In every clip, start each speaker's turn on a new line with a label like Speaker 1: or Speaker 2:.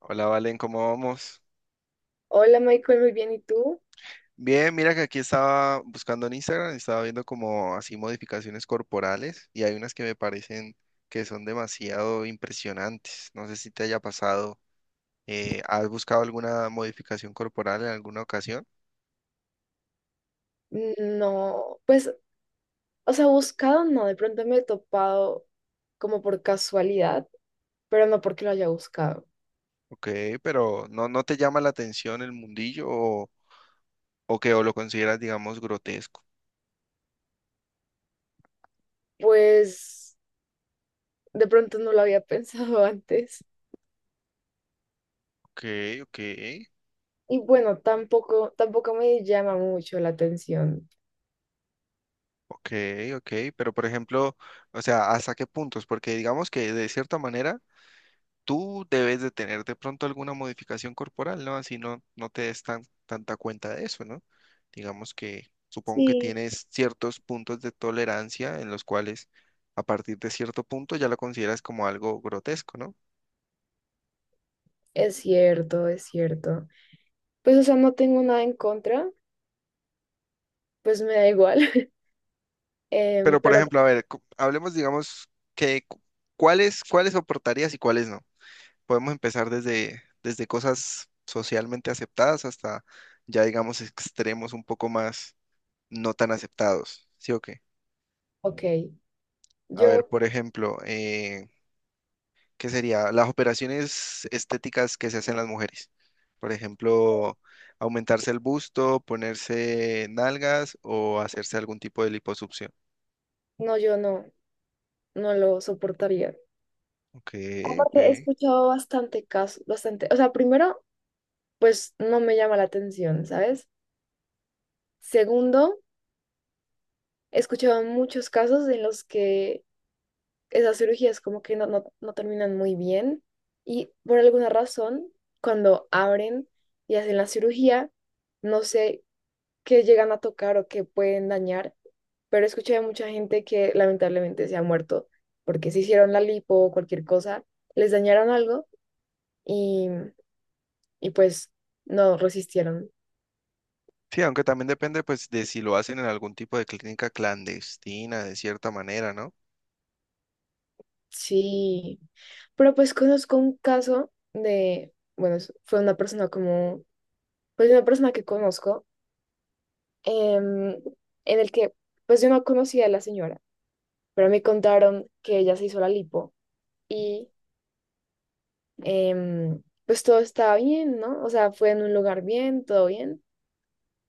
Speaker 1: Hola, Valen, ¿cómo vamos?
Speaker 2: Hola Michael, muy bien, ¿y tú?
Speaker 1: Bien, mira que aquí estaba buscando en Instagram, estaba viendo como así modificaciones corporales y hay unas que me parecen que son demasiado impresionantes. No sé si te haya pasado, ¿has buscado alguna modificación corporal en alguna ocasión?
Speaker 2: No, pues, o sea, buscado no, de pronto me he topado como por casualidad, pero no porque lo haya buscado.
Speaker 1: Ok, pero ¿no te llama la atención el mundillo o que o lo consideras, digamos, grotesco?
Speaker 2: Pues, de pronto no lo había pensado antes.
Speaker 1: Ok, ok,
Speaker 2: Y bueno, tampoco me llama mucho la atención.
Speaker 1: ok, ok, pero por ejemplo, o sea, ¿hasta qué puntos? Porque digamos que de cierta manera tú debes de tener de pronto alguna modificación corporal, ¿no? Así no, no te des tanta cuenta de eso, ¿no? Digamos que supongo que
Speaker 2: Sí.
Speaker 1: tienes ciertos puntos de tolerancia en los cuales a partir de cierto punto ya lo consideras como algo grotesco, ¿no?
Speaker 2: Es cierto, es cierto. Pues, o sea, no tengo nada en contra, pues me da igual. Em,
Speaker 1: Pero por
Speaker 2: pero,
Speaker 1: ejemplo, a ver, hablemos, digamos, que cu- cuáles soportarías y cuáles no. Podemos empezar desde cosas socialmente aceptadas hasta ya, digamos, extremos un poco más no tan aceptados, ¿sí o qué?
Speaker 2: ok,
Speaker 1: A ver,
Speaker 2: yo,
Speaker 1: por ejemplo, ¿qué sería? Las operaciones estéticas que se hacen las mujeres. Por ejemplo, aumentarse el busto, ponerse nalgas o hacerse algún tipo de liposucción.
Speaker 2: no, yo no, no lo soportaría.
Speaker 1: Ok, ok.
Speaker 2: Aparte, he escuchado bastante casos, bastante. O sea, primero, pues no me llama la atención, ¿sabes? Segundo, he escuchado muchos casos en los que esas cirugías como que no terminan muy bien y por alguna razón, cuando abren y hacen la cirugía, no sé qué llegan a tocar o qué pueden dañar, pero he escuchado de mucha gente que lamentablemente se ha muerto porque se hicieron la lipo o cualquier cosa, les dañaron algo y pues no resistieron.
Speaker 1: Sí, aunque también depende pues de si lo hacen en algún tipo de clínica clandestina, de cierta manera, ¿no?
Speaker 2: Sí, pero pues conozco un caso de, bueno, fue una persona como, pues una persona que conozco, em, en el que pues yo no conocía a la señora, pero me contaron que ella se hizo la lipo y pues todo estaba bien, ¿no? O sea, fue en un lugar bien, todo bien,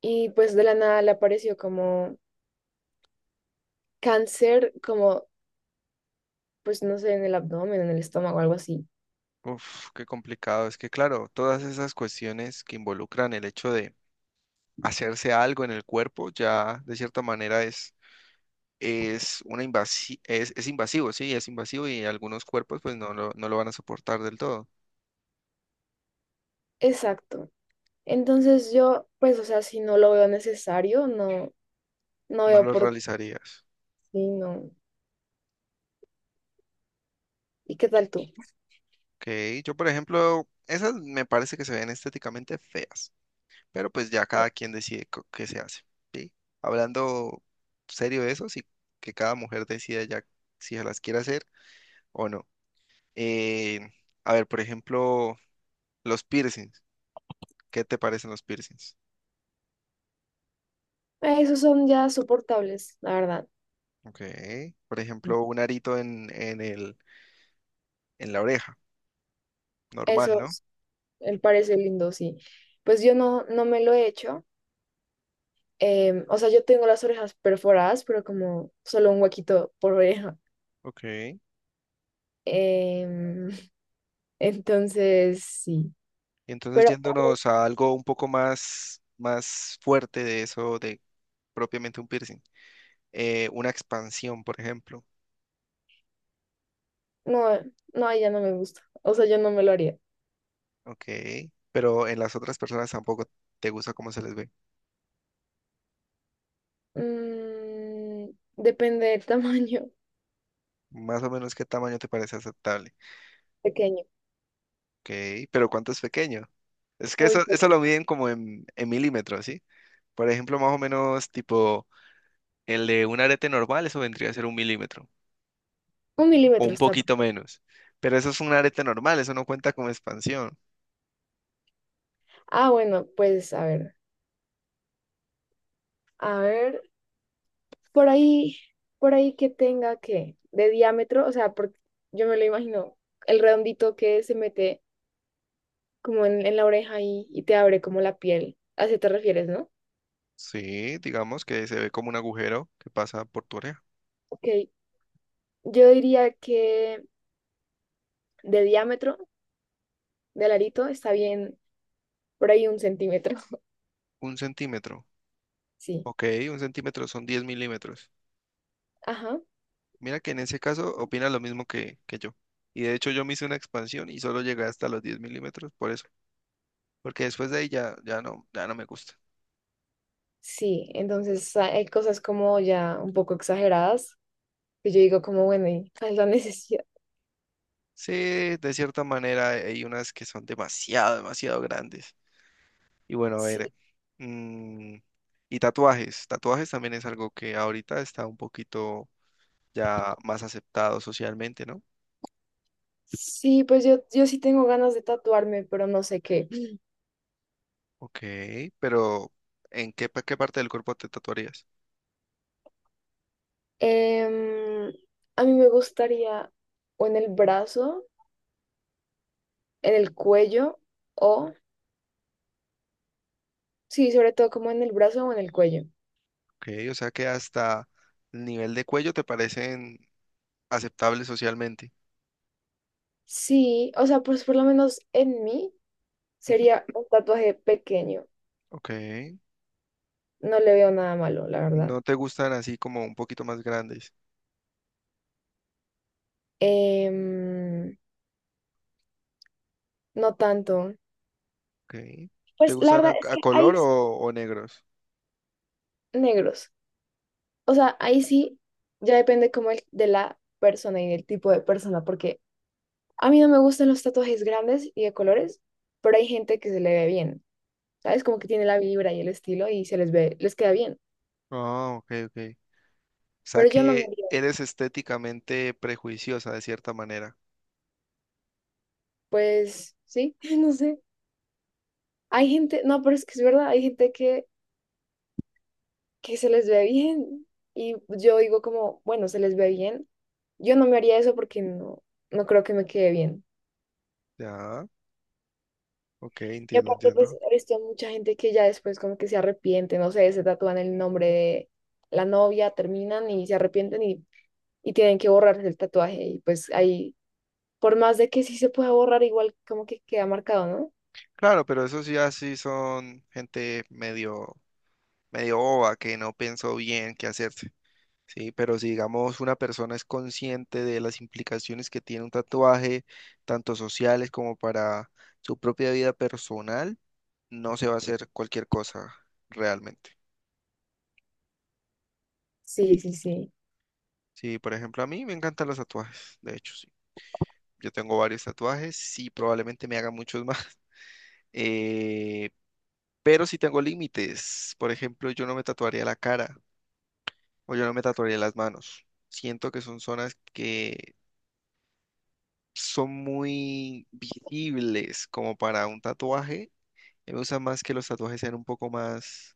Speaker 2: y pues de la nada le apareció como cáncer, como pues no sé, en el abdomen, en el estómago, algo así.
Speaker 1: Uf, qué complicado. Es que claro, todas esas cuestiones que involucran el hecho de hacerse algo en el cuerpo ya de cierta manera es invasivo, sí, es invasivo y algunos cuerpos pues no lo van a soportar del todo,
Speaker 2: Exacto. Entonces yo, pues, o sea, si no lo veo necesario, no, no
Speaker 1: no
Speaker 2: veo
Speaker 1: lo
Speaker 2: por qué
Speaker 1: realizarías.
Speaker 2: sí, no. ¿Y qué tal tú?
Speaker 1: Ok, yo por ejemplo, esas me parece que se ven estéticamente feas, pero pues ya cada quien decide qué se hace, ¿sí? Hablando serio de eso, sí, que cada mujer decida ya si se las quiere hacer o no. Eh, a ver, por ejemplo, los piercings, ¿qué te parecen los piercings?
Speaker 2: Esos son ya soportables, la verdad.
Speaker 1: Ok, por ejemplo, un arito en la oreja. Normal, no.
Speaker 2: Esos me parece lindo, sí. Pues yo no, no me lo he hecho. O sea, yo tengo las orejas perforadas, pero como solo un huequito por oreja.
Speaker 1: Ok. Y
Speaker 2: Em, entonces, sí.
Speaker 1: entonces
Speaker 2: Pero
Speaker 1: yéndonos a algo un poco más fuerte de eso, de propiamente un piercing. Una expansión, por ejemplo.
Speaker 2: no, no, ya no me gusta. O sea, yo no me lo haría.
Speaker 1: Ok. Pero en las otras personas tampoco te gusta cómo se les ve.
Speaker 2: Mm, depende del tamaño.
Speaker 1: Más o menos qué tamaño te parece aceptable.
Speaker 2: Pequeño,
Speaker 1: Ok. Pero cuánto es pequeño. Es que
Speaker 2: muy
Speaker 1: eso,
Speaker 2: pequeño.
Speaker 1: eso lo miden como en milímetros, ¿sí? Por ejemplo, más o menos tipo el de un arete normal, eso vendría a ser 1 mm.
Speaker 2: Un
Speaker 1: O
Speaker 2: milímetro
Speaker 1: un
Speaker 2: está.
Speaker 1: poquito menos. Pero eso es un arete normal, eso no cuenta como expansión.
Speaker 2: Ah, bueno, pues a ver, por ahí, por ahí que tenga que, de diámetro, o sea, porque yo me lo imagino, el redondito que se mete como en la oreja y te abre como la piel. ¿A eso te refieres, no?
Speaker 1: Sí, digamos que se ve como un agujero que pasa por tu oreja.
Speaker 2: Ok, yo diría que de diámetro del arito está bien por ahí un centímetro.
Speaker 1: 1 cm.
Speaker 2: Sí,
Speaker 1: Ok, 1 cm son 10 mm.
Speaker 2: ajá,
Speaker 1: Mira que en ese caso opina lo mismo que yo. Y de hecho yo me hice una expansión y solo llegué hasta los 10 mm por eso. Porque después de ahí ya no me gusta.
Speaker 2: sí. Entonces hay cosas como ya un poco exageradas que yo digo como, bueno, ¿y cuál es la necesidad?
Speaker 1: Sí, de cierta manera hay unas que son demasiado, demasiado grandes. Y bueno, a
Speaker 2: Sí.
Speaker 1: ver. mm, y tatuajes. Tatuajes también es algo que ahorita está un poquito ya más aceptado socialmente, ¿no?
Speaker 2: Sí, pues yo sí tengo ganas de tatuarme, pero no sé qué. Mm.
Speaker 1: Ok, pero ¿qué parte del cuerpo te tatuarías?
Speaker 2: Em, a mí me gustaría o en el brazo, en el cuello, o sí, sobre todo como en el brazo o en el cuello.
Speaker 1: Ok, o sea que hasta el nivel de cuello te parecen aceptables socialmente.
Speaker 2: Sí, o sea, pues por lo menos en mí
Speaker 1: Ujú,
Speaker 2: sería un tatuaje pequeño.
Speaker 1: ok,
Speaker 2: No le veo nada malo, la verdad.
Speaker 1: no te gustan así como un poquito más grandes.
Speaker 2: Em, no tanto.
Speaker 1: Ok, ¿te
Speaker 2: Pues la
Speaker 1: gustan a,
Speaker 2: verdad es
Speaker 1: a
Speaker 2: que hay
Speaker 1: color o negros?
Speaker 2: negros. O sea, ahí sí ya depende como de la persona y del tipo de persona, porque a mí no me gustan los tatuajes grandes y de colores, pero hay gente que se le ve bien, ¿sabes? Como que tiene la vibra y el estilo y se les ve, les queda bien.
Speaker 1: Ah, ok, ok. O sea
Speaker 2: Pero yo no me
Speaker 1: que
Speaker 2: haría,
Speaker 1: eres estéticamente prejuiciosa de cierta manera.
Speaker 2: pues sí, no sé. Hay gente, no, pero es que es verdad, hay gente que se les ve bien y yo digo como, bueno, se les ve bien. Yo no me haría eso porque no, no creo que me quede bien.
Speaker 1: Ya, ok,
Speaker 2: Y
Speaker 1: entiendo,
Speaker 2: aparte, pues,
Speaker 1: entiendo.
Speaker 2: he visto mucha gente que ya después como que se arrepiente, no sé, se tatúan el nombre de la novia, terminan y se arrepienten y tienen que borrarse el tatuaje y pues ahí, por más de que sí se pueda borrar, igual como que queda marcado, ¿no?
Speaker 1: Claro, pero esos ya sí son gente medio, medio boba que no pensó bien qué hacerse. Sí, pero si digamos una persona es consciente de las implicaciones que tiene un tatuaje, tanto sociales como para su propia vida personal, no se va a hacer cualquier cosa realmente.
Speaker 2: Sí, sí, sí.
Speaker 1: Sí, por ejemplo, a mí me encantan los tatuajes, de hecho, sí. Yo tengo varios tatuajes, sí, probablemente me haga muchos más. eh, pero sí tengo límites. Por ejemplo, yo no me tatuaría la cara o yo no me tatuaría las manos. Siento que son zonas que son muy visibles como para un tatuaje. Me gusta más que los tatuajes sean un poco más,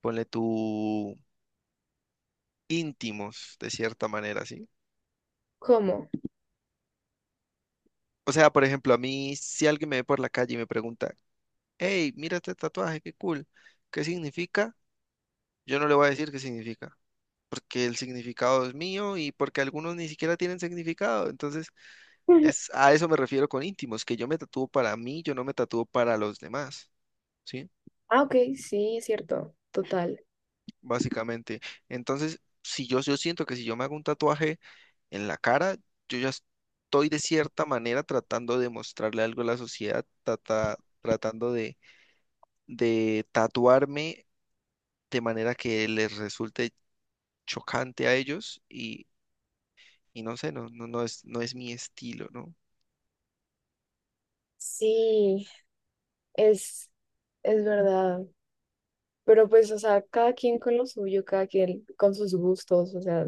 Speaker 1: ponle tú, íntimos, de cierta manera, ¿sí?
Speaker 2: ¿Cómo?
Speaker 1: O sea, por ejemplo, a mí, si alguien me ve por la calle y me pregunta, hey, mira este tatuaje, qué cool, ¿qué significa? Yo no le voy a decir qué significa, porque el significado es mío y porque algunos ni siquiera tienen significado. Entonces, a eso me refiero con íntimos, que yo me tatúo para mí, yo no me tatúo para los demás, ¿sí?
Speaker 2: Ah, ok, sí, es cierto, total.
Speaker 1: Básicamente. Entonces, si yo siento que si yo me hago un tatuaje en la cara, yo ya estoy de cierta manera tratando de mostrarle algo a la sociedad, tratando de tatuarme de manera que les resulte chocante a ellos y no sé, no es mi estilo, ¿no?
Speaker 2: Sí, es, es verdad. Pero pues, o sea, cada quien con lo suyo, cada quien con sus gustos, o sea,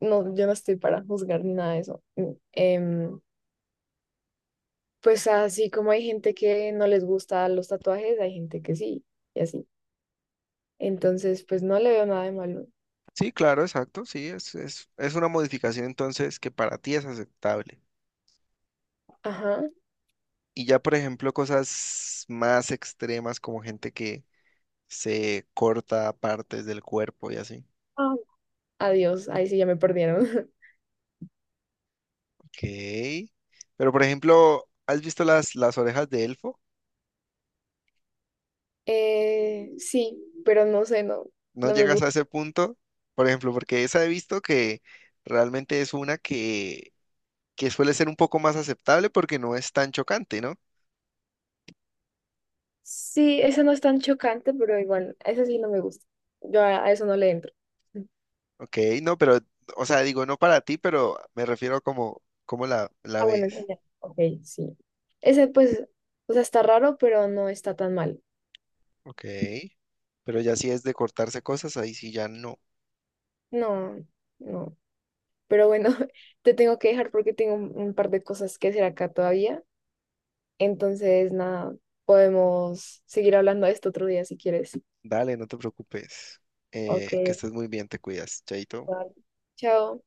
Speaker 2: no, yo no estoy para juzgar ni nada de eso. Mm, pues así como hay gente que no les gusta los tatuajes, hay gente que sí, y así. Entonces, pues no le veo nada de malo.
Speaker 1: Sí, claro, exacto, sí, es una modificación entonces que para ti es aceptable.
Speaker 2: Ajá.
Speaker 1: Y ya, por ejemplo, cosas más extremas como gente que se corta partes del cuerpo y así.
Speaker 2: Adiós, ahí sí ya me perdieron.
Speaker 1: Ok. Pero por ejemplo, ¿has visto las orejas de elfo?
Speaker 2: Sí, pero no sé, no,
Speaker 1: ¿No
Speaker 2: no me
Speaker 1: llegas a
Speaker 2: gusta.
Speaker 1: ese punto? Por ejemplo, porque esa he visto que realmente es una que suele ser un poco más aceptable porque no es tan chocante, ¿no?
Speaker 2: Sí, esa no es tan chocante, pero igual, esa sí no me gusta. Yo a eso no le entro.
Speaker 1: Ok, no, pero, o sea, digo, no para ti, pero me refiero a cómo la
Speaker 2: Ah, bueno, ya,
Speaker 1: ves.
Speaker 2: ya. Ok, sí. Ese pues, o sea, está raro, pero no está tan mal.
Speaker 1: Ok. Pero ya si es de cortarse cosas, ahí sí ya no.
Speaker 2: No, no. Pero bueno, te tengo que dejar porque tengo un par de cosas que hacer acá todavía. Entonces, nada, podemos seguir hablando de esto otro día si quieres.
Speaker 1: Dale, no te preocupes.
Speaker 2: Ok,
Speaker 1: Que estés muy bien, te cuidas, Chaito.
Speaker 2: vale. Chao.